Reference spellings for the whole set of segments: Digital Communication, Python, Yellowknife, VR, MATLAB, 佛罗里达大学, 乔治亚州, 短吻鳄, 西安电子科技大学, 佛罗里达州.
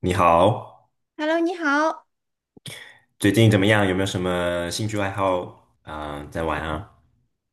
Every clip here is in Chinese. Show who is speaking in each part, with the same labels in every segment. Speaker 1: 你好，
Speaker 2: Hello，你好。
Speaker 1: 最近怎么样？有没有什么兴趣爱好啊、在玩啊？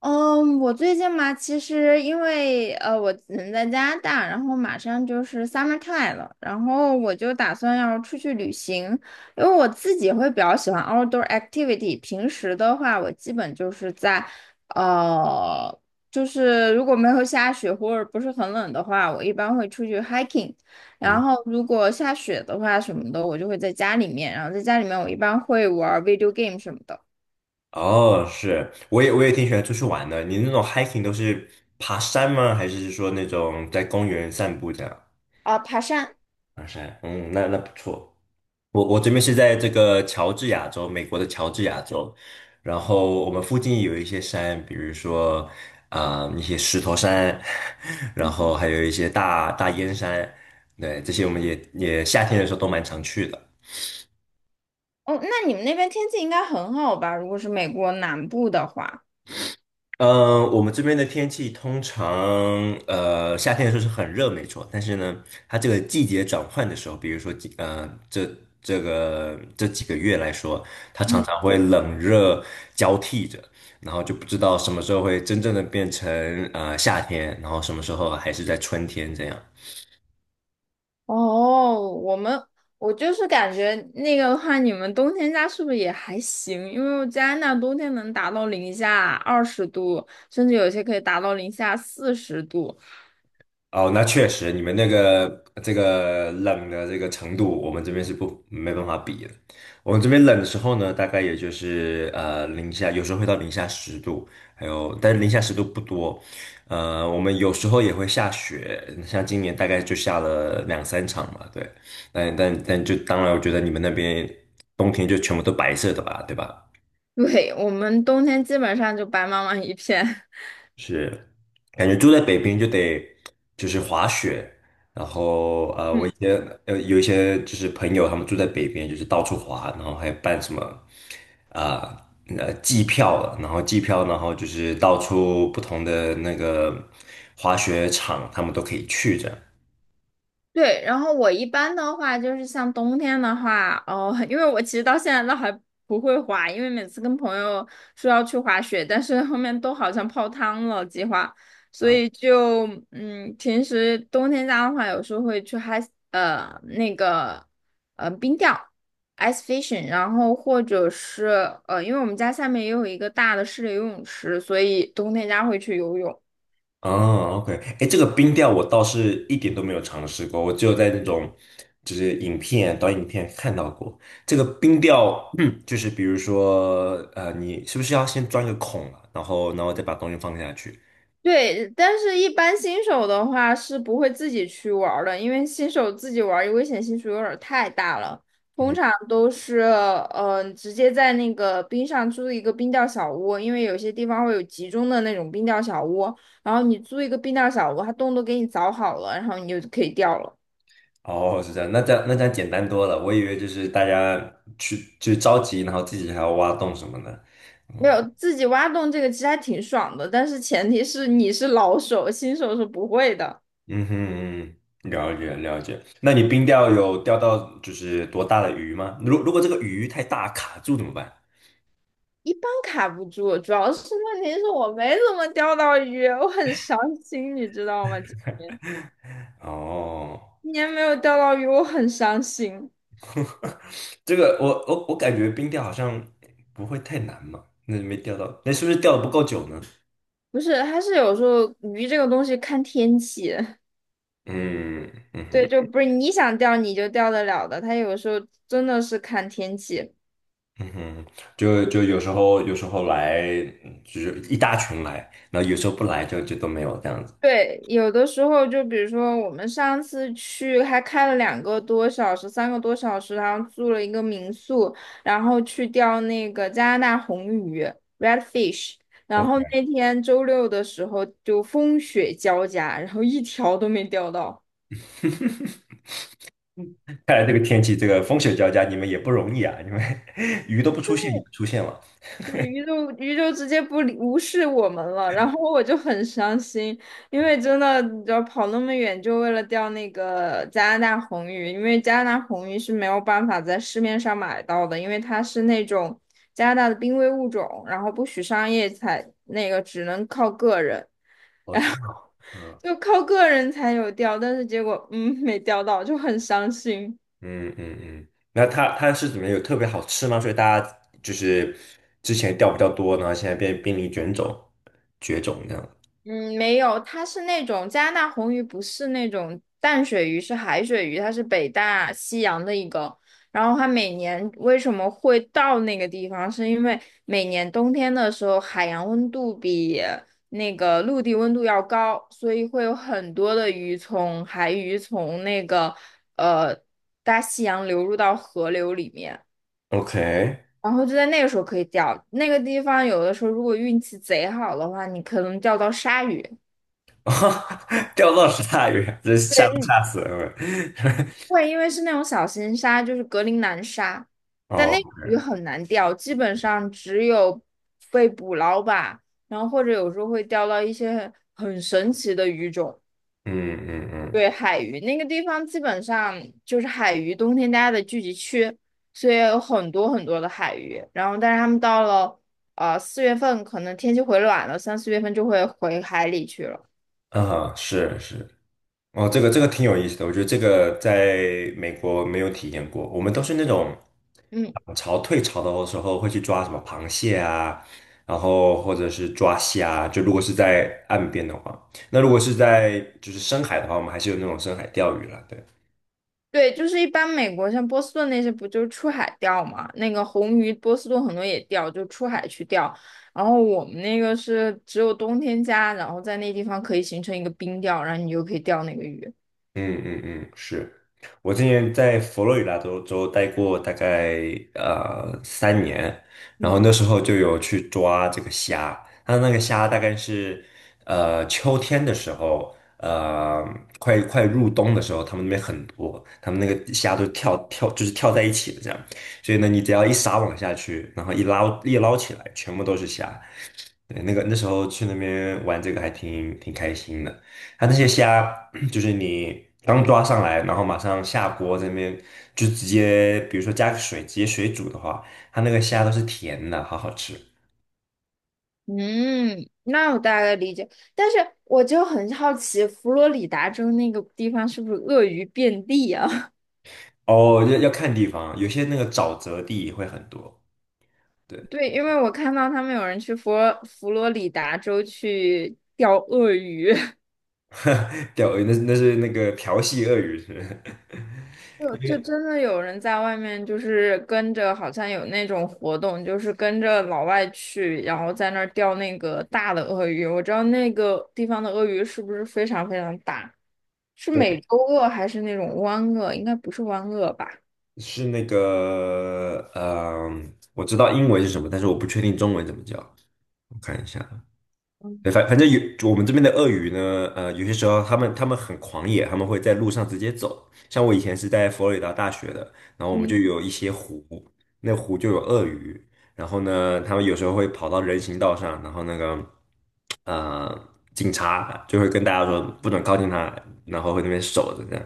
Speaker 2: 嗯，我最近嘛，其实因为我人在加拿大，然后马上就是 summertime 了，然后我就打算要出去旅行，因为我自己会比较喜欢 outdoor activity。平时的话，我基本就是在呃，就是如果没有下雪或者不是很冷的话，我一般会出去 hiking。然
Speaker 1: 嗯，
Speaker 2: 后如果下雪的话什么的，我就会在家里面，然后在家里面我一般会玩 video game 什么的。
Speaker 1: 哦，是，我也挺喜欢出去玩的。你那种 hiking 都是爬山吗？还是说那种在公园散步这样？
Speaker 2: 啊，爬山。
Speaker 1: 爬山，嗯，那不错。我这边是在这个乔治亚州，美国的乔治亚州，然后我们附近有一些山，比如说一些石头山，然后还有一些大大烟山，对，这些我们也夏天的时候都蛮常去的。
Speaker 2: 哦，那你们那边天气应该很好吧？如果是美国南部的话。
Speaker 1: 嗯，我们这边的天气通常，夏天的时候是很热，没错。但是呢，它这个季节转换的时候，比如说几，呃，这这个这几个月来说，它常
Speaker 2: 嗯。
Speaker 1: 常会冷热交替着，然后就不知道什么时候会真正的变成夏天，然后什么时候还是在春天这样。
Speaker 2: 哦，我就是感觉那个的话，你们冬天家是不是也还行？因为加拿大冬天能达到零下20度，甚至有些可以达到零下40度。
Speaker 1: 哦，那确实，你们那个这个冷的这个程度，我们这边是不没办法比的。我们这边冷的时候呢，大概也就是零下，有时候会到零下十度，但是零下十度不多。我们有时候也会下雪，像今年大概就下了2、3场嘛，对。但就当然，我觉得你们那边冬天就全部都白色的吧，对吧？
Speaker 2: 对，我们冬天基本上就白茫茫一片。
Speaker 1: 是，感觉住在北冰就得就是滑雪，然后我一 些呃有一些就是朋友他们住在北边，就是到处滑，然后还办什么啊季票了，然后季票，然后就是到处不同的那个滑雪场，他们都可以去这样。
Speaker 2: 对，然后我一般的话就是像冬天的话，哦，因为我其实到现在都还不会滑，因为每次跟朋友说要去滑雪，但是后面都好像泡汤了计划，所以就平时冬天家的话，有时候会去 ice 那个冰钓 ice fishing，然后或者是因为我们家下面也有一个大的室内游泳池，所以冬天家会去游泳。
Speaker 1: 哦，OK，哎，这个冰钓我倒是一点都没有尝试过，我只有在那种就是影片、短影片看到过这个冰钓，嗯，就是比如说，你是不是要先钻个孔啊，然后再把东西放下去？
Speaker 2: 对，但是一般新手的话是不会自己去玩儿的，因为新手自己玩儿危险系数有点儿太大了。通
Speaker 1: 嗯，
Speaker 2: 常都是直接在那个冰上租一个冰钓小屋，因为有些地方会有集中的那种冰钓小屋，然后你租一个冰钓小屋，它洞都给你凿好了，然后你就可以钓了。
Speaker 1: 哦，是这样，那这样简单多了，我以为就是大家去就着急，然后自己还要挖洞什么的。
Speaker 2: 没
Speaker 1: 嗯
Speaker 2: 有，自己挖洞这个其实还挺爽的，但是前提是你是老手，新手是不会的。
Speaker 1: 嗯哼，嗯了解了解。那你冰钓有钓到就是多大的鱼吗？如果这个鱼太大卡住怎么办？
Speaker 2: 一般卡不住，主要是问题是我没怎么钓到鱼，我很伤心，你知道吗？
Speaker 1: 哦，
Speaker 2: 今年没有钓到鱼，我很伤心。
Speaker 1: 这个我感觉冰钓好像不会太难嘛，那没钓到，那是不是钓的不够久呢？
Speaker 2: 不是，它是有时候鱼这个东西看天气，
Speaker 1: 嗯嗯
Speaker 2: 对，
Speaker 1: 哼
Speaker 2: 就不是你想钓你就钓得了的，它有时候真的是看天气。
Speaker 1: 嗯哼，就有时候来，嗯就是一大群来，然后有时候不来就都没有这样子。
Speaker 2: 对，有的时候就比如说我们上次去还开了2个多小时、3个多小时，然后住了一个民宿，然后去钓那个加拿大红鱼（ （redfish）。然后
Speaker 1: OK，
Speaker 2: 那天周六的时候就风雪交加，然后一条都没钓到。
Speaker 1: 看来这个天气，这个风雪交加，你们也不容易啊，你们 鱼都不出现，你们出现了。
Speaker 2: 对，鱼就鱼就直接不理无视我们了，然后我就很伤心，因为真的，你知道跑那么远就为了钓那个加拿大红鱼，因为加拿大红鱼是没有办法在市面上买到的，因为它是那种加拿大的濒危物种，然后不许商业采，那个只能靠个人，
Speaker 1: 哦，真的，嗯。
Speaker 2: 就靠个人才有钓，但是结果没钓到，就很伤心。
Speaker 1: 嗯嗯嗯，那它是怎么有特别好吃吗？所以大家就是之前掉比较多，然后现在变濒临绝种，绝种这样。
Speaker 2: 嗯，没有，它是那种加拿大红鱼，不是那种淡水鱼，是海水鱼，它是北大西洋的一个。然后它每年为什么会到那个地方，是因为每年冬天的时候，海洋温度比那个陆地温度要高，所以会有很多的鱼从海鱼从那个呃大西洋流入到河流里面。
Speaker 1: OK，
Speaker 2: 然后就在那个时候可以钓，那个地方有的时候如果运气贼好的话，你可能钓到鲨鱼。
Speaker 1: 钓到十大鱼，这吓都吓死了。
Speaker 2: 会，因为是那种小型鲨，就是格陵兰鲨，但
Speaker 1: 哦，
Speaker 2: 那个鱼很难钓，基本上只有被捕捞吧，然后或者有时候会钓到一些很神奇的鱼种。
Speaker 1: 嗯嗯
Speaker 2: 对，海鱼那个地方基本上就是海鱼冬天大家的聚集区，所以有很多很多的海鱼。然后，但是他们到了四月份，可能天气回暖了，3、4月份就会回海里去了。
Speaker 1: 嗯，啊，是是，哦，这个挺有意思的，我觉得这个在美国没有体验过。我们都是那种
Speaker 2: 嗯。
Speaker 1: 涨潮退潮的时候会去抓什么螃蟹啊，然后或者是抓虾啊。就如果是在岸边的话，那如果是在就是深海的话，我们还是有那种深海钓鱼了。对。
Speaker 2: 对，就是一般美国像波士顿那些不就是出海钓嘛？那个红鱼，波士顿很多也钓，就出海去钓。然后我们那个是只有冬天加，然后在那地方可以形成一个冰钓，然后你就可以钓那个鱼。
Speaker 1: 嗯嗯嗯，是我之前在佛罗里达州待过大概3年，然后
Speaker 2: 嗯。
Speaker 1: 那时候就有去抓这个虾，它那个虾大概是秋天的时候，快入冬的时候，他们那边很多，他们那个虾都就是跳在一起的这样，所以呢，你只要一撒网下去，然后一捞一捞起来，全部都是虾，对，那时候去那边玩这个还挺开心的。它那些虾，就是你刚抓上来，然后马上下锅这边就直接，比如说加个水，直接水煮的话，它那个虾都是甜的，好好吃。
Speaker 2: 嗯，那我大概理解。但是我就很好奇，佛罗里达州那个地方是不是鳄鱼遍地啊？
Speaker 1: 哦，要看地方，有些那个沼泽地也会很多。对，
Speaker 2: 对，因为我看到他们有人去佛罗里达州去钓鳄鱼。
Speaker 1: 钓鱼那是那个调戏鳄鱼是不是，
Speaker 2: 就
Speaker 1: 因
Speaker 2: 就
Speaker 1: 为
Speaker 2: 真的有人在外面，就是跟着，好像有那种活动，就是跟着老外去，然后在那儿钓那个大的鳄鱼。我知道那个地方的鳄鱼是不是非常非常大？是美
Speaker 1: 对
Speaker 2: 洲鳄还是那种湾鳄？应该不是湾鳄吧？
Speaker 1: 是那个我知道英文是什么，但是我不确定中文怎么叫，我看一下。
Speaker 2: 嗯。
Speaker 1: 对，反正有我们这边的鳄鱼呢，有些时候他们很狂野，他们会在路上直接走。像我以前是在佛罗里达大学的，然后我们
Speaker 2: 嗯，
Speaker 1: 就有一些湖，那湖就有鳄鱼，然后呢，他们有时候会跑到人行道上，然后那个警察就会跟大家说不准靠近它，然后会那边守着这样。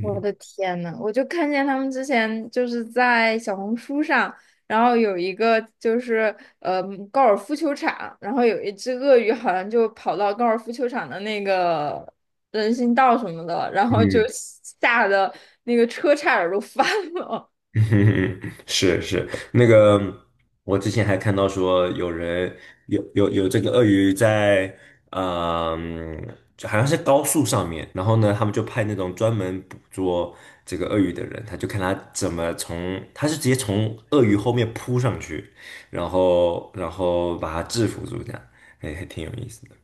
Speaker 2: 我的天呐，我就看见他们之前就是在小红书上，然后有一个就是呃高尔夫球场，然后有一只鳄鱼好像就跑到高尔夫球场的那个人行道什么的，然后就吓得那个车差点儿都翻了。
Speaker 1: 嗯是是，那个我之前还看到说有人有这个鳄鱼在，嗯，就好像是高速上面，然后呢，他们就派那种专门捕捉这个鳄鱼的人，他就看他怎么从，他是直接从鳄鱼后面扑上去，然后把它制服住，这样，还挺有意思的，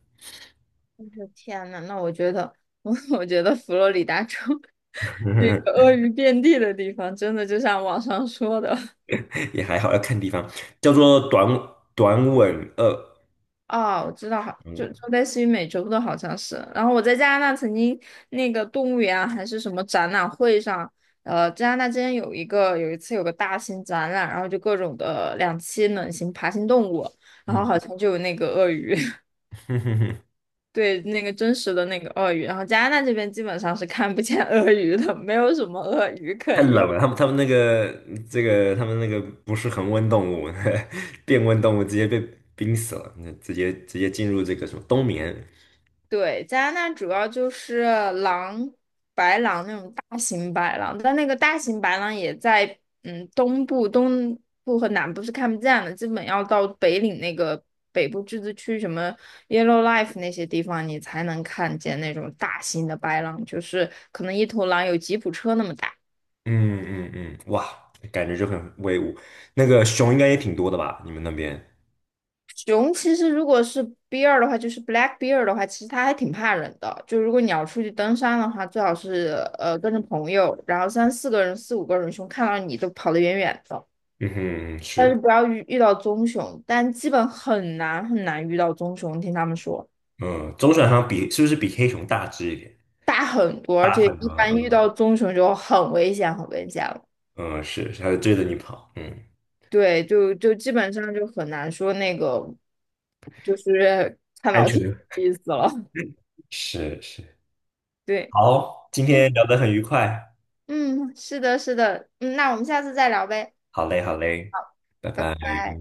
Speaker 2: 我的天呐，那我我觉得佛罗里达州 这个鳄鱼遍地的地方，真的就像网上说的。
Speaker 1: 也还好，要看地方，叫做短吻鳄，
Speaker 2: 哦，我知道，好，
Speaker 1: 短
Speaker 2: 就
Speaker 1: 吻，
Speaker 2: 就类似于美洲的，好像是。然后我在加拿大曾经那个动物园啊还是什么展览会上，加拿大之前有一次有个大型展览，然后就各种的两栖冷型爬行动物，然后
Speaker 1: 嗯。
Speaker 2: 好像就有那个鳄鱼，对，那个真实的那个鳄鱼。然后加拿大这边基本上是看不见鳄鱼的，没有什么鳄鱼可
Speaker 1: 太
Speaker 2: 言。
Speaker 1: 冷了，他们他们那个这个他们那个不是恒温动物，变温动物直接被冰死了，那直接进入这个什么冬眠。
Speaker 2: 对，加拿大主要就是狼、白狼那种大型白狼，但那个大型白狼也在东部、东部和南部是看不见的，基本要到北领那个北部自治区什么 Yellowknife 那些地方，你才能看见那种大型的白狼，就是可能一头狼有吉普车那么大。
Speaker 1: 嗯嗯嗯，哇，感觉就很威武。那个熊应该也挺多的吧？你们那边？
Speaker 2: 熊其实如果是 bear 的话，就是 black bear 的话，其实它还挺怕人的。就如果你要出去登山的话，最好是跟着朋友，然后三四个人、四五个人熊看到你都跑得远远的。
Speaker 1: 嗯哼，嗯
Speaker 2: 但是
Speaker 1: 是，
Speaker 2: 不要遇到棕熊，但基本很难很难遇到棕熊，听他们说
Speaker 1: 嗯，棕熊好像是不是比黑熊大只一点？
Speaker 2: 大很多，而
Speaker 1: 大
Speaker 2: 且
Speaker 1: 很多，
Speaker 2: 一般遇
Speaker 1: 嗯
Speaker 2: 到棕熊就很危险，很危险了。
Speaker 1: 嗯，是，它就追着你跑，嗯，
Speaker 2: 对，就基本上就很难说那个，就是看
Speaker 1: 安
Speaker 2: 老
Speaker 1: 全
Speaker 2: 天
Speaker 1: 的，
Speaker 2: 的意思了。
Speaker 1: 是是。
Speaker 2: 对。
Speaker 1: 好，今天聊得很愉快，
Speaker 2: 嗯，是的，是的，嗯，那我们下次再聊呗，
Speaker 1: 好嘞好嘞，拜
Speaker 2: 拜
Speaker 1: 拜。
Speaker 2: 拜。